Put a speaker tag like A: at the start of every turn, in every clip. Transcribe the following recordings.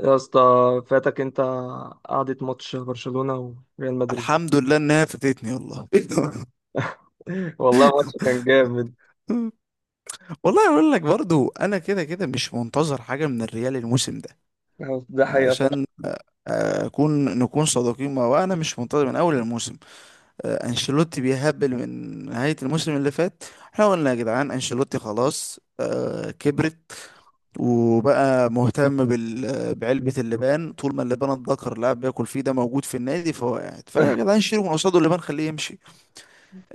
A: يا اسطى فاتك انت قعدة ماتش برشلونة وريال مدريد.
B: الحمد لله انها فاتتني والله.
A: والله ماتش كان جامد.
B: والله اقول لك برضو انا كده كده مش منتظر حاجه من الريال الموسم ده.
A: ده حقيقة فعلا.
B: عشان اكون نكون صادقين مع بعض، انا مش منتظر من اول الموسم. انشيلوتي بيهبل من نهايه الموسم اللي فات. احنا قلنا يا جدعان انشيلوتي خلاص كبرت وبقى مهتم بعلبة اللبان، طول ما اللبان الذكر اللاعب بياكل فيه ده موجود في النادي فهو قاعد، فيا جدعان شيلوا من قصاده اللبان خليه يمشي.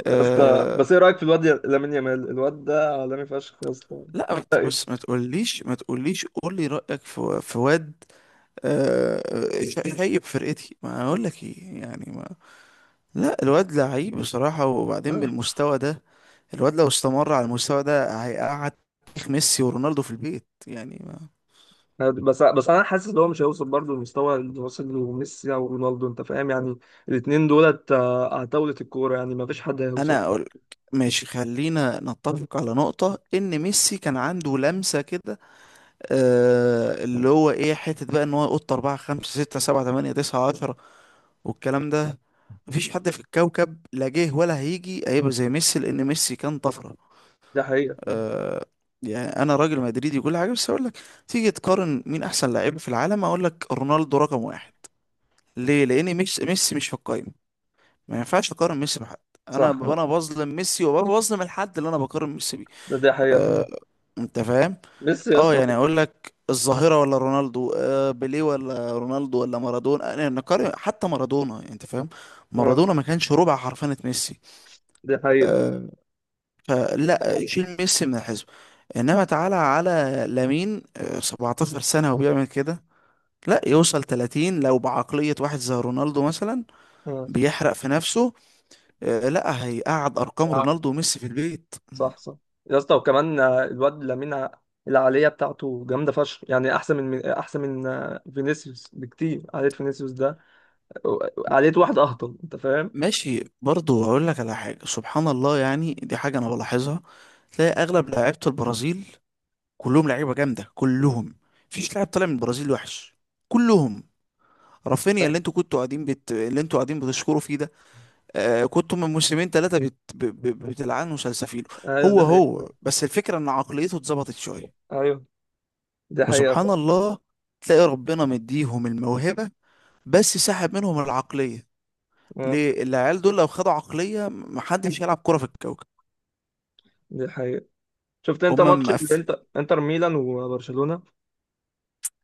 A: يا اسطى،
B: آه،
A: بس ايه رأيك في الواد لامين يامال؟ الواد ده عالمي فشخ يا اسطى.
B: لا ما ت-
A: رأيي.
B: بص، ما تقوليش، قول لي رأيك في واد. آه، شايب فرقتي ما اقول لك ايه، يعني ما لا، الواد لعيب بصراحة، وبعدين
A: آه.
B: بالمستوى ده. الواد لو استمر على المستوى ده هيقعد تاريخ ميسي ورونالدو في البيت، يعني ما
A: بس بس انا حاسس ان هو مش هيوصل برضه للمستوى اللي واصل له ميسي او رونالدو، انت فاهم؟ يعني الاثنين دولت على طاولة الكورة، يعني ما فيش حد هيوصل.
B: انا اقول ماشي، خلينا نتفق على نقطة ان ميسي كان عنده لمسة كده، آه، اللي هو ايه، حتة بقى ان هو يقط 4 5 6 7 8 9 10 والكلام ده. مفيش حد في الكوكب لا جه ولا هيجي هيبقى زي ميسي، لان ميسي كان طفره.
A: ده حقيقة فعلا.
B: آه. يعني انا راجل مدريدي وكل حاجه، بس اقول لك، تيجي تقارن مين احسن لعيب في العالم اقول لك رونالدو رقم واحد. ليه؟ لان ميسي، ميسي مش في القايمه. ما ينفعش اقارن ميسي بحد.
A: صح،
B: انا بظلم ميسي وبظلم الحد اللي انا بقارن ميسي بيه.
A: ده حقيقة
B: آه.
A: فعلا.
B: انت فاهم.
A: ميسي يا
B: اه
A: اسطى
B: يعني اقول لك الظاهرة، ولا رونالدو، آه، بيليه، ولا رونالدو، ولا مارادونا، انا نقارن حتى مارادونا يعني، انت فاهم.
A: آه،
B: مارادونا ما كانش ربع حرفنة ميسي.
A: دي حقيقة.
B: آه. فلا، شيل ميسي من الحزب. انما تعالى على لامين، آه، 17 سنة وبيعمل كده. لا يوصل 30 لو بعقلية واحد زي رونالدو مثلا
A: آه.
B: بيحرق في نفسه، آه، لا هيقعد ارقام رونالدو وميسي في البيت.
A: صح، صح. يا اسطى، وكمان الواد لامين العالية بتاعته جامدة فشخ، يعني أحسن من أحسن من فينيسيوس بكتير. عالية فينيسيوس ده عالية واحد أهطل، أنت فاهم؟
B: ماشي برضه هقول لك على حاجة، سبحان الله، يعني دي حاجة أنا بلاحظها. تلاقي أغلب لعيبة البرازيل كلهم لعيبة جامدة كلهم، مفيش لاعب طالع من البرازيل وحش، كلهم. رافينيا اللي انتوا كنتوا قاعدين اللي انتوا قاعدين بتشكروا فيه ده، آه، كنتوا من موسمين ثلاثة بتلعنوا سلسفيله.
A: أيوه،
B: هو
A: دي
B: هو
A: حقيقة.
B: بس الفكرة إن عقليته اتظبطت شوية.
A: أيوه، دي حقيقة
B: فسبحان
A: فعلا.
B: الله، تلاقي ربنا مديهم الموهبة بس سحب منهم العقلية.
A: آه،
B: ليه؟ العيال دول لو خدوا عقلية محدش يلعب كرة في الكوكب.
A: دي حقيقة. شفت أنت
B: هما
A: ماتش
B: مقف...
A: الإنتر؟ إنتر ميلان وبرشلونة،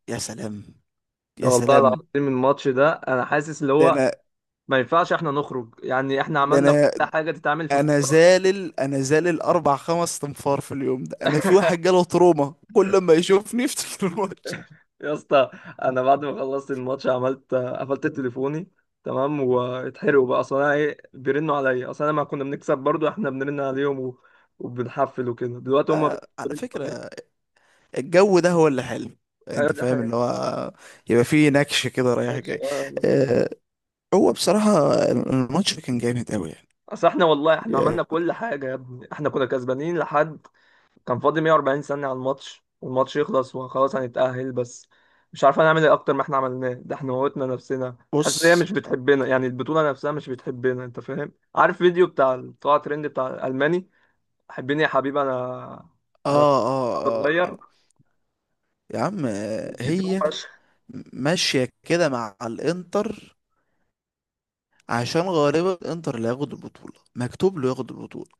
B: يا سلام، يا
A: والله
B: سلام.
A: العظيم الماتش ده أنا حاسس اللي
B: ده
A: هو
B: انا
A: ما ينفعش إحنا نخرج. يعني إحنا
B: ده
A: عملنا
B: انا
A: كل حاجة تتعمل في
B: انا
A: الكورة.
B: زالل، 4 5 تنفار في اليوم، ده انا في واحد جاله تروما كل ما يشوفني يفتكر الماتش.
A: يا اسطى، انا بعد ما خلصت الماتش عملت قفلت تليفوني، تمام؟ واتحرقوا بقى، اصل انا ايه؟ بيرنوا عليا اصل انا ما كنا بنكسب برضو. احنا بنرن عليهم وبنحفل وكده، دلوقتي هم
B: آه، على
A: بيرنوا عليا.
B: فكرة، الجو ده هو اللي حلو،
A: ايوه
B: انت
A: دي
B: فاهم، اللي
A: حاجه.
B: هو يبقى فيه نكش كده رايح جاي.
A: آه.
B: آه. هو بصراحة الماتش كان جامد قوي يعني.
A: اصل احنا والله احنا عملنا
B: يعني
A: كل حاجه يا ابني، احنا كنا كسبانين لحد كان فاضل 140 ثانية على الماتش والماتش يخلص وخلاص هنتأهل، بس مش عارفة نعمل ايه اكتر ما احنا عملناه. ده احنا موتنا نفسنا. تحس ان هي
B: بص،
A: مش بتحبنا، يعني البطولة نفسها مش بتحبنا، انت فاهم؟ عارف فيديو بتاع طلع ترند بتاع الألماني؟ حبيني يا حبيبي، انا
B: اه
A: انا
B: اه اه
A: صغير،
B: آه. يا عم، هي
A: بتوحش.
B: ماشية كده مع الانتر. عشان غالبا الانتر اللي هياخد البطولة مكتوب له ياخد البطولة،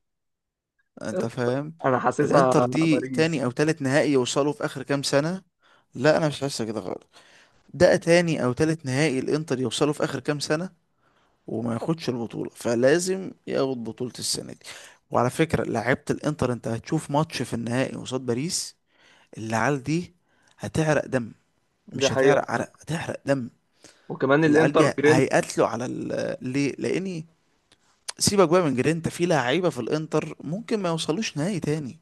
B: انت فاهم.
A: انا حاسسها
B: الانتر دي تاني
A: باريس.
B: او تالت نهائي يوصلوا في اخر كام سنة. لا انا مش حاسة كده خالص. ده تاني او تالت نهائي الانتر يوصلوا في اخر كام سنة وما ياخدش البطولة، فلازم ياخد بطولة السنة دي. وعلى فكرة لعيبة الانتر، انت هتشوف ماتش في النهائي قصاد باريس، العيال دي هتعرق دم،
A: دي
B: مش
A: حقيقة.
B: هتعرق عرق هتحرق دم.
A: وكمان
B: العيال
A: الانتر
B: دي
A: جرينت.
B: هيقاتلوا على ليه؟ لاني سيبك بقى من جرينتا، في لعيبه في الانتر ممكن ما يوصلوش نهائي تاني.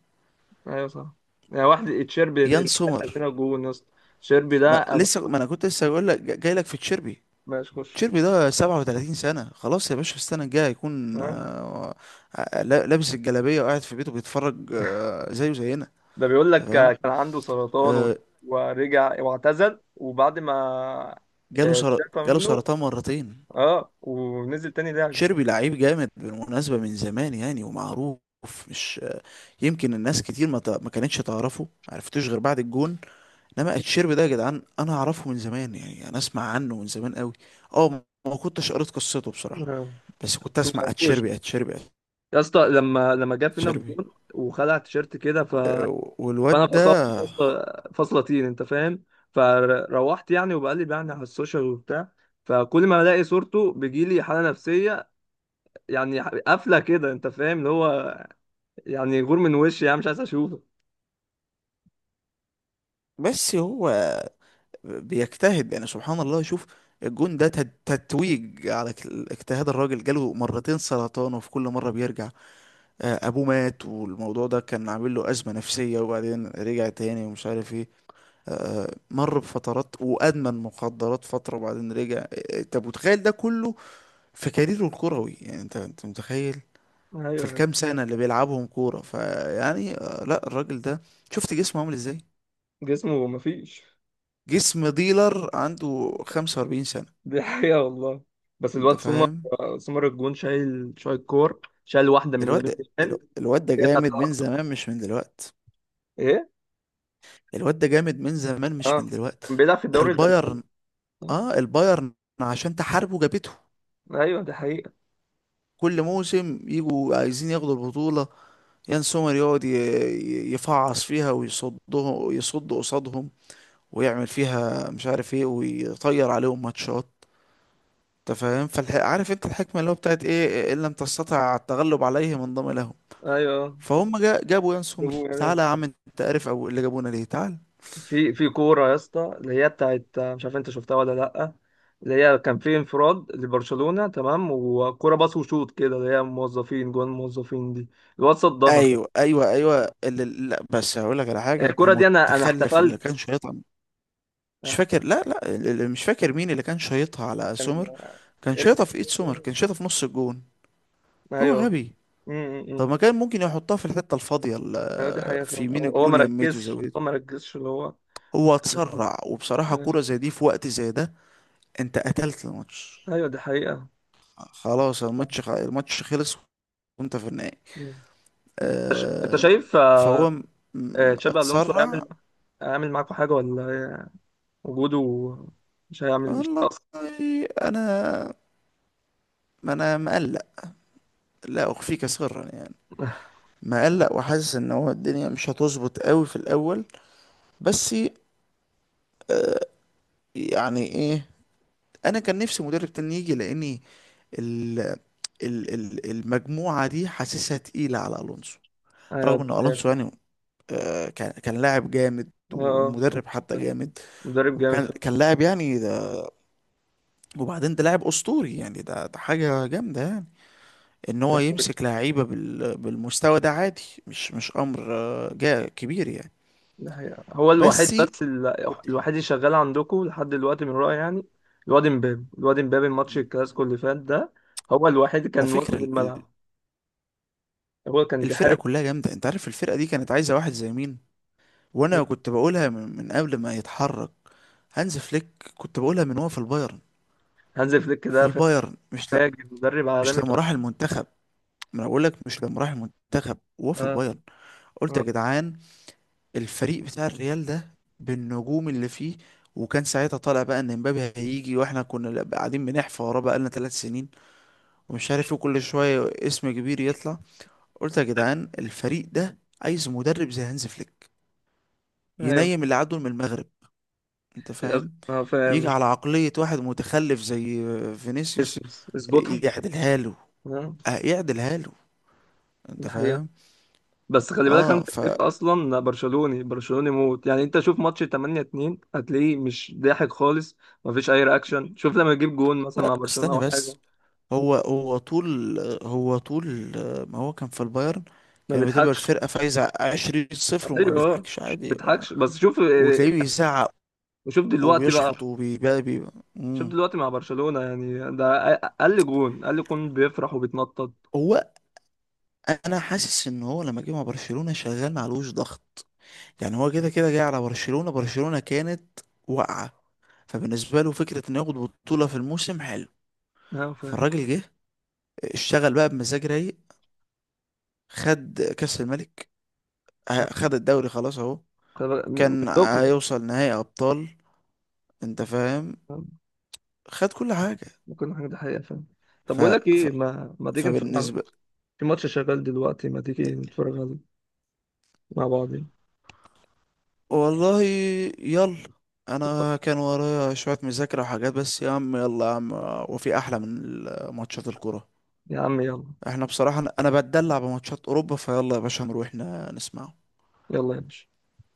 A: ايوه صح. يعني واحد تشيربي اللي
B: يان
A: دخل
B: سومر.
A: فينا جون يا اسطى. تشيربي ده
B: ما
A: انا،
B: لسه، ما انا كنت لسه بقول لك جاي لك في تشيربي.
A: ماشي خش.
B: تشيربي ده 37 سنه، خلاص يا باشا، في السنه الجايه هيكون لابس الجلابيه وقاعد في بيته بيتفرج، زيه زينا.
A: ده بيقول لك
B: تمام.
A: كان عنده سرطان
B: آه،
A: ورجع واعتزل، وبعد ما
B: جاله
A: آه،
B: سر...
A: اتشافى
B: جاله
A: منه.
B: سرطان مرتين.
A: اه ونزل تاني لعب.
B: تشيربي لعيب جامد بالمناسبه، من زمان يعني ومعروف، مش يمكن الناس كتير ما كانتش تعرفه، ما عرفتوش غير بعد الجون. انما اتشيرب ده يا جدعان انا اعرفه من زمان يعني، انا اسمع عنه من زمان قوي. اه، ما ما كنتش قريت قصته بصراحه
A: آه.
B: بس كنت
A: ما
B: اسمع
A: عرفوش.
B: اتشيربي، اتشيربي،
A: يا اسطى، لما جاب فينا
B: اتشيربي.
A: الجون وخلع التيشيرت كده،
B: أه،
A: فانا
B: والواد
A: فصلت
B: ده،
A: فصلة، فصلة طين، انت فاهم. فروحت يعني وبقلب يعني على السوشيال وبتاع، فكل ما الاقي صورته بيجيلي حالة نفسية، يعني قافلة كده انت فاهم، اللي هو يعني غور من وشي، يعني مش عايز اشوفه.
B: بس هو بيجتهد يعني، سبحان الله. شوف الجون ده تتويج على اجتهاد الراجل. جاله مرتين سرطان وفي كل مرة بيرجع. آه، أبوه مات والموضوع ده كان عامل له أزمة نفسية وبعدين رجع تاني ومش عارف ايه. آه، مر بفترات وأدمن مخدرات فترة وبعدين رجع، طب وتخيل ده كله في كاريره الكروي يعني. انت انت متخيل في
A: ايوه.
B: الكام سنة اللي بيلعبهم كورة فيعني، لا الراجل ده شفت جسمه عامل ازاي.
A: جسمه مفيش.
B: جسم ديلر عنده 45 سنة،
A: دي حقيقة والله. بس
B: انت
A: الواد سومر،
B: فاهم.
A: سومر الجون شايل كور، شايل واحدة من
B: الواد
A: لامين
B: ده،
A: يامال
B: الواد ده
A: اللي هي بتاعت
B: جامد
A: الأرض.
B: من زمان مش من دلوقت.
A: ايه.
B: الواد ده جامد من زمان مش
A: اه،
B: من دلوقت.
A: بيلعب في الدوري الألماني.
B: البايرن. اه البايرن. عشان تحاربه جابته.
A: ايوه دي حقيقة.
B: كل موسم يجوا عايزين ياخدوا البطولة، يان سومر يقعد يفعص فيها ويصده، يصد قصادهم ويعمل فيها مش عارف ايه ويطير عليهم ماتشات. انت فاهم. عارف انت الحكمه اللي هو بتاعت ايه، ان لم تستطع التغلب عليهم انضم لهم.
A: ايوه.
B: فهم جابوا يان سومر،
A: جابوه يا
B: تعالى
A: ناس.
B: يا عم، انت عارف او اللي جابونا ليه، تعال.
A: في كورة يا اسطى، اللي هي بتاعت مش عارف انت شفتها ولا لأ، اللي هي كان في انفراد لبرشلونة تمام، وكورة باص وشوط كده اللي هي موظفين جوان، موظفين دي. الواد صدها.
B: ايوه، لا بس هقول لك على حاجه،
A: الكورة دي انا
B: المتخلف اللي
A: احتفلت.
B: كان شيطها، مش
A: أنا-
B: فاكر. لا لا اللي مش فاكر مين اللي كان شيطها على
A: كان،
B: سومر. كان
A: رجع.
B: شيطها في ايد سومر، كان شيطها في نص الجون. هو
A: ايوه.
B: غبي.
A: م- م-
B: طب
A: م.
B: ما كان ممكن يحطها في الحته الفاضيه،
A: ايوه دي حقيقة
B: في
A: فعلا.
B: يمين
A: هو هو
B: الجون
A: ما
B: يميته
A: ركزش
B: زاويه.
A: هو ما ركزش اللي هو
B: هو اتسرع، وبصراحة
A: آه،
B: كورة زي دي في وقت زي ده، انت قتلت الماتش.
A: ايوه دي حقيقة.
B: خلاص الماتش الماتش خلص وانت في النهائي.
A: مم. انت
B: آه.
A: شايف آه،
B: فهو م-
A: آه، تشابي الونسو
B: اتسرع.
A: هيعمل، هيعمل معاكم حاجة ولا؟ وجوده مش هيعمل، مش
B: والله
A: اصلا.
B: انا، ما انا مقلق، لا اخفيك سرا يعني، مقلق وحاسس ان هو الدنيا مش هتظبط قوي في الاول، بس يعني ايه. انا كان نفسي مدرب تاني يجي، لاني ال المجموعة دي حاسسها تقيلة على الونسو.
A: ايوه
B: رغم
A: دي
B: ان
A: حقيقة
B: الونسو
A: فعلا.
B: يعني، كان كان لاعب جامد
A: اه طب.
B: ومدرب حتى
A: آه،
B: جامد.
A: مدرب جامد
B: وكان
A: فعلا.
B: كان لاعب يعني ده، وبعدين ده لاعب اسطوري يعني، ده ده حاجه جامده يعني. ان
A: دي
B: هو
A: حقيقة.
B: يمسك لعيبه بالمستوى ده عادي، مش مش امر، جا كبير يعني.
A: دي حقيقة. هو الوحيد،
B: بس
A: بس
B: كنت،
A: الوحيد اللي شغال عندكم لحد دلوقتي من رأيي يعني. الواد امبابي، الماتش الكلاسيكو اللي فات ده هو الوحيد
B: على
A: كان
B: فكره
A: واخد الملعب، هو كان
B: الفرقه
A: بيحارب.
B: كلها جامده، انت عارف الفرقه دي كانت عايزه واحد زي مين. وانا كنت بقولها من قبل ما يتحرك هانز فليك، كنت بقولها من هو في البايرن.
A: هانز فليك
B: في
A: ده
B: البايرن، مش لا
A: فاجر، مدرب
B: مش
A: عالمي
B: لما راح
A: فشخ.
B: المنتخب، ما انا بقول لك مش لما راح المنتخب وهو في
A: اه.
B: البايرن. قلت يا
A: اه.
B: جدعان الفريق بتاع الريال ده، بالنجوم اللي فيه، وكان ساعتها طالع بقى ان امبابي هيجي، واحنا كنا قاعدين بنحفى وراه بقالنا 3 سنين ومش عارف ايه، كل شويه اسم كبير يطلع، قلت يا جدعان الفريق ده عايز مدرب زي هانز فليك،
A: ايوه.
B: ينيم اللي عدوا من المغرب، انت فاهم.
A: اه
B: يجي
A: فاهم.
B: على عقلية واحد متخلف زي
A: اسم.
B: فينيسيوس
A: اظبطها.
B: يعدلها له.
A: اه.
B: اه يعدلها له، انت
A: ده حقيقة.
B: فاهم.
A: بس خلي بالك، هانز
B: اه
A: فليك
B: فلا،
A: اصلا برشلوني، برشلوني موت، يعني انت شوف ماتش 8-2 هتلاقيه مش ضاحك خالص، مفيش اي رياكشن. شوف لما يجيب جون مثلا مع برشلونة
B: استنى
A: او حاجه،
B: بس. هو هو طول طول ما هو كان في البايرن،
A: ما
B: كان بتبقى
A: بيضحكش.
B: الفرقة فايزة 20-0 وما
A: ايوه آه،
B: بيضحكش
A: مش
B: عادي بقى.
A: بيضحكش. بس شوف آه،
B: وتلاقيه بيزعق
A: شوف دلوقتي بقى،
B: وبيشخط
A: شوف
B: مم.
A: دلوقتي مع برشلونة. يعني ده اقل جون بيفرح وبيتنطط.
B: هو، انا حاسس ان هو لما جه مع برشلونة شغال معلوش ضغط، يعني هو كده كده جاي على برشلونة، برشلونة كانت واقعة، فبالنسبة له فكرة انه ياخد بطولة في الموسم حلو.
A: ها ف...
B: فالراجل جه اشتغل بقى بمزاج رايق، خد كأس الملك،
A: آه،
B: خد الدوري، خلاص اهو،
A: مش
B: كان
A: لكم
B: هيوصل نهائي ابطال، انت فاهم، خد كل حاجة.
A: ممكن حاجة، دي حقيقة فعلا. طب
B: ف...
A: بقول لك
B: ف...
A: ايه، ما تيجي نتفرج
B: فبالنسبة
A: في ماتش شغال دلوقتي، ما تيجي نتفرج عليه مع بعض؟
B: والله يلا، انا كان ورايا شوية مذاكرة وحاجات، بس يا عم يلا يا عم، وفي احلى من ماتشات الكرة؟
A: يا عم يلا.
B: احنا بصراحة أنا بتدلع بماتشات اوروبا، فيلا يا باشا نروح نسمعه.
A: يلا يا باشا.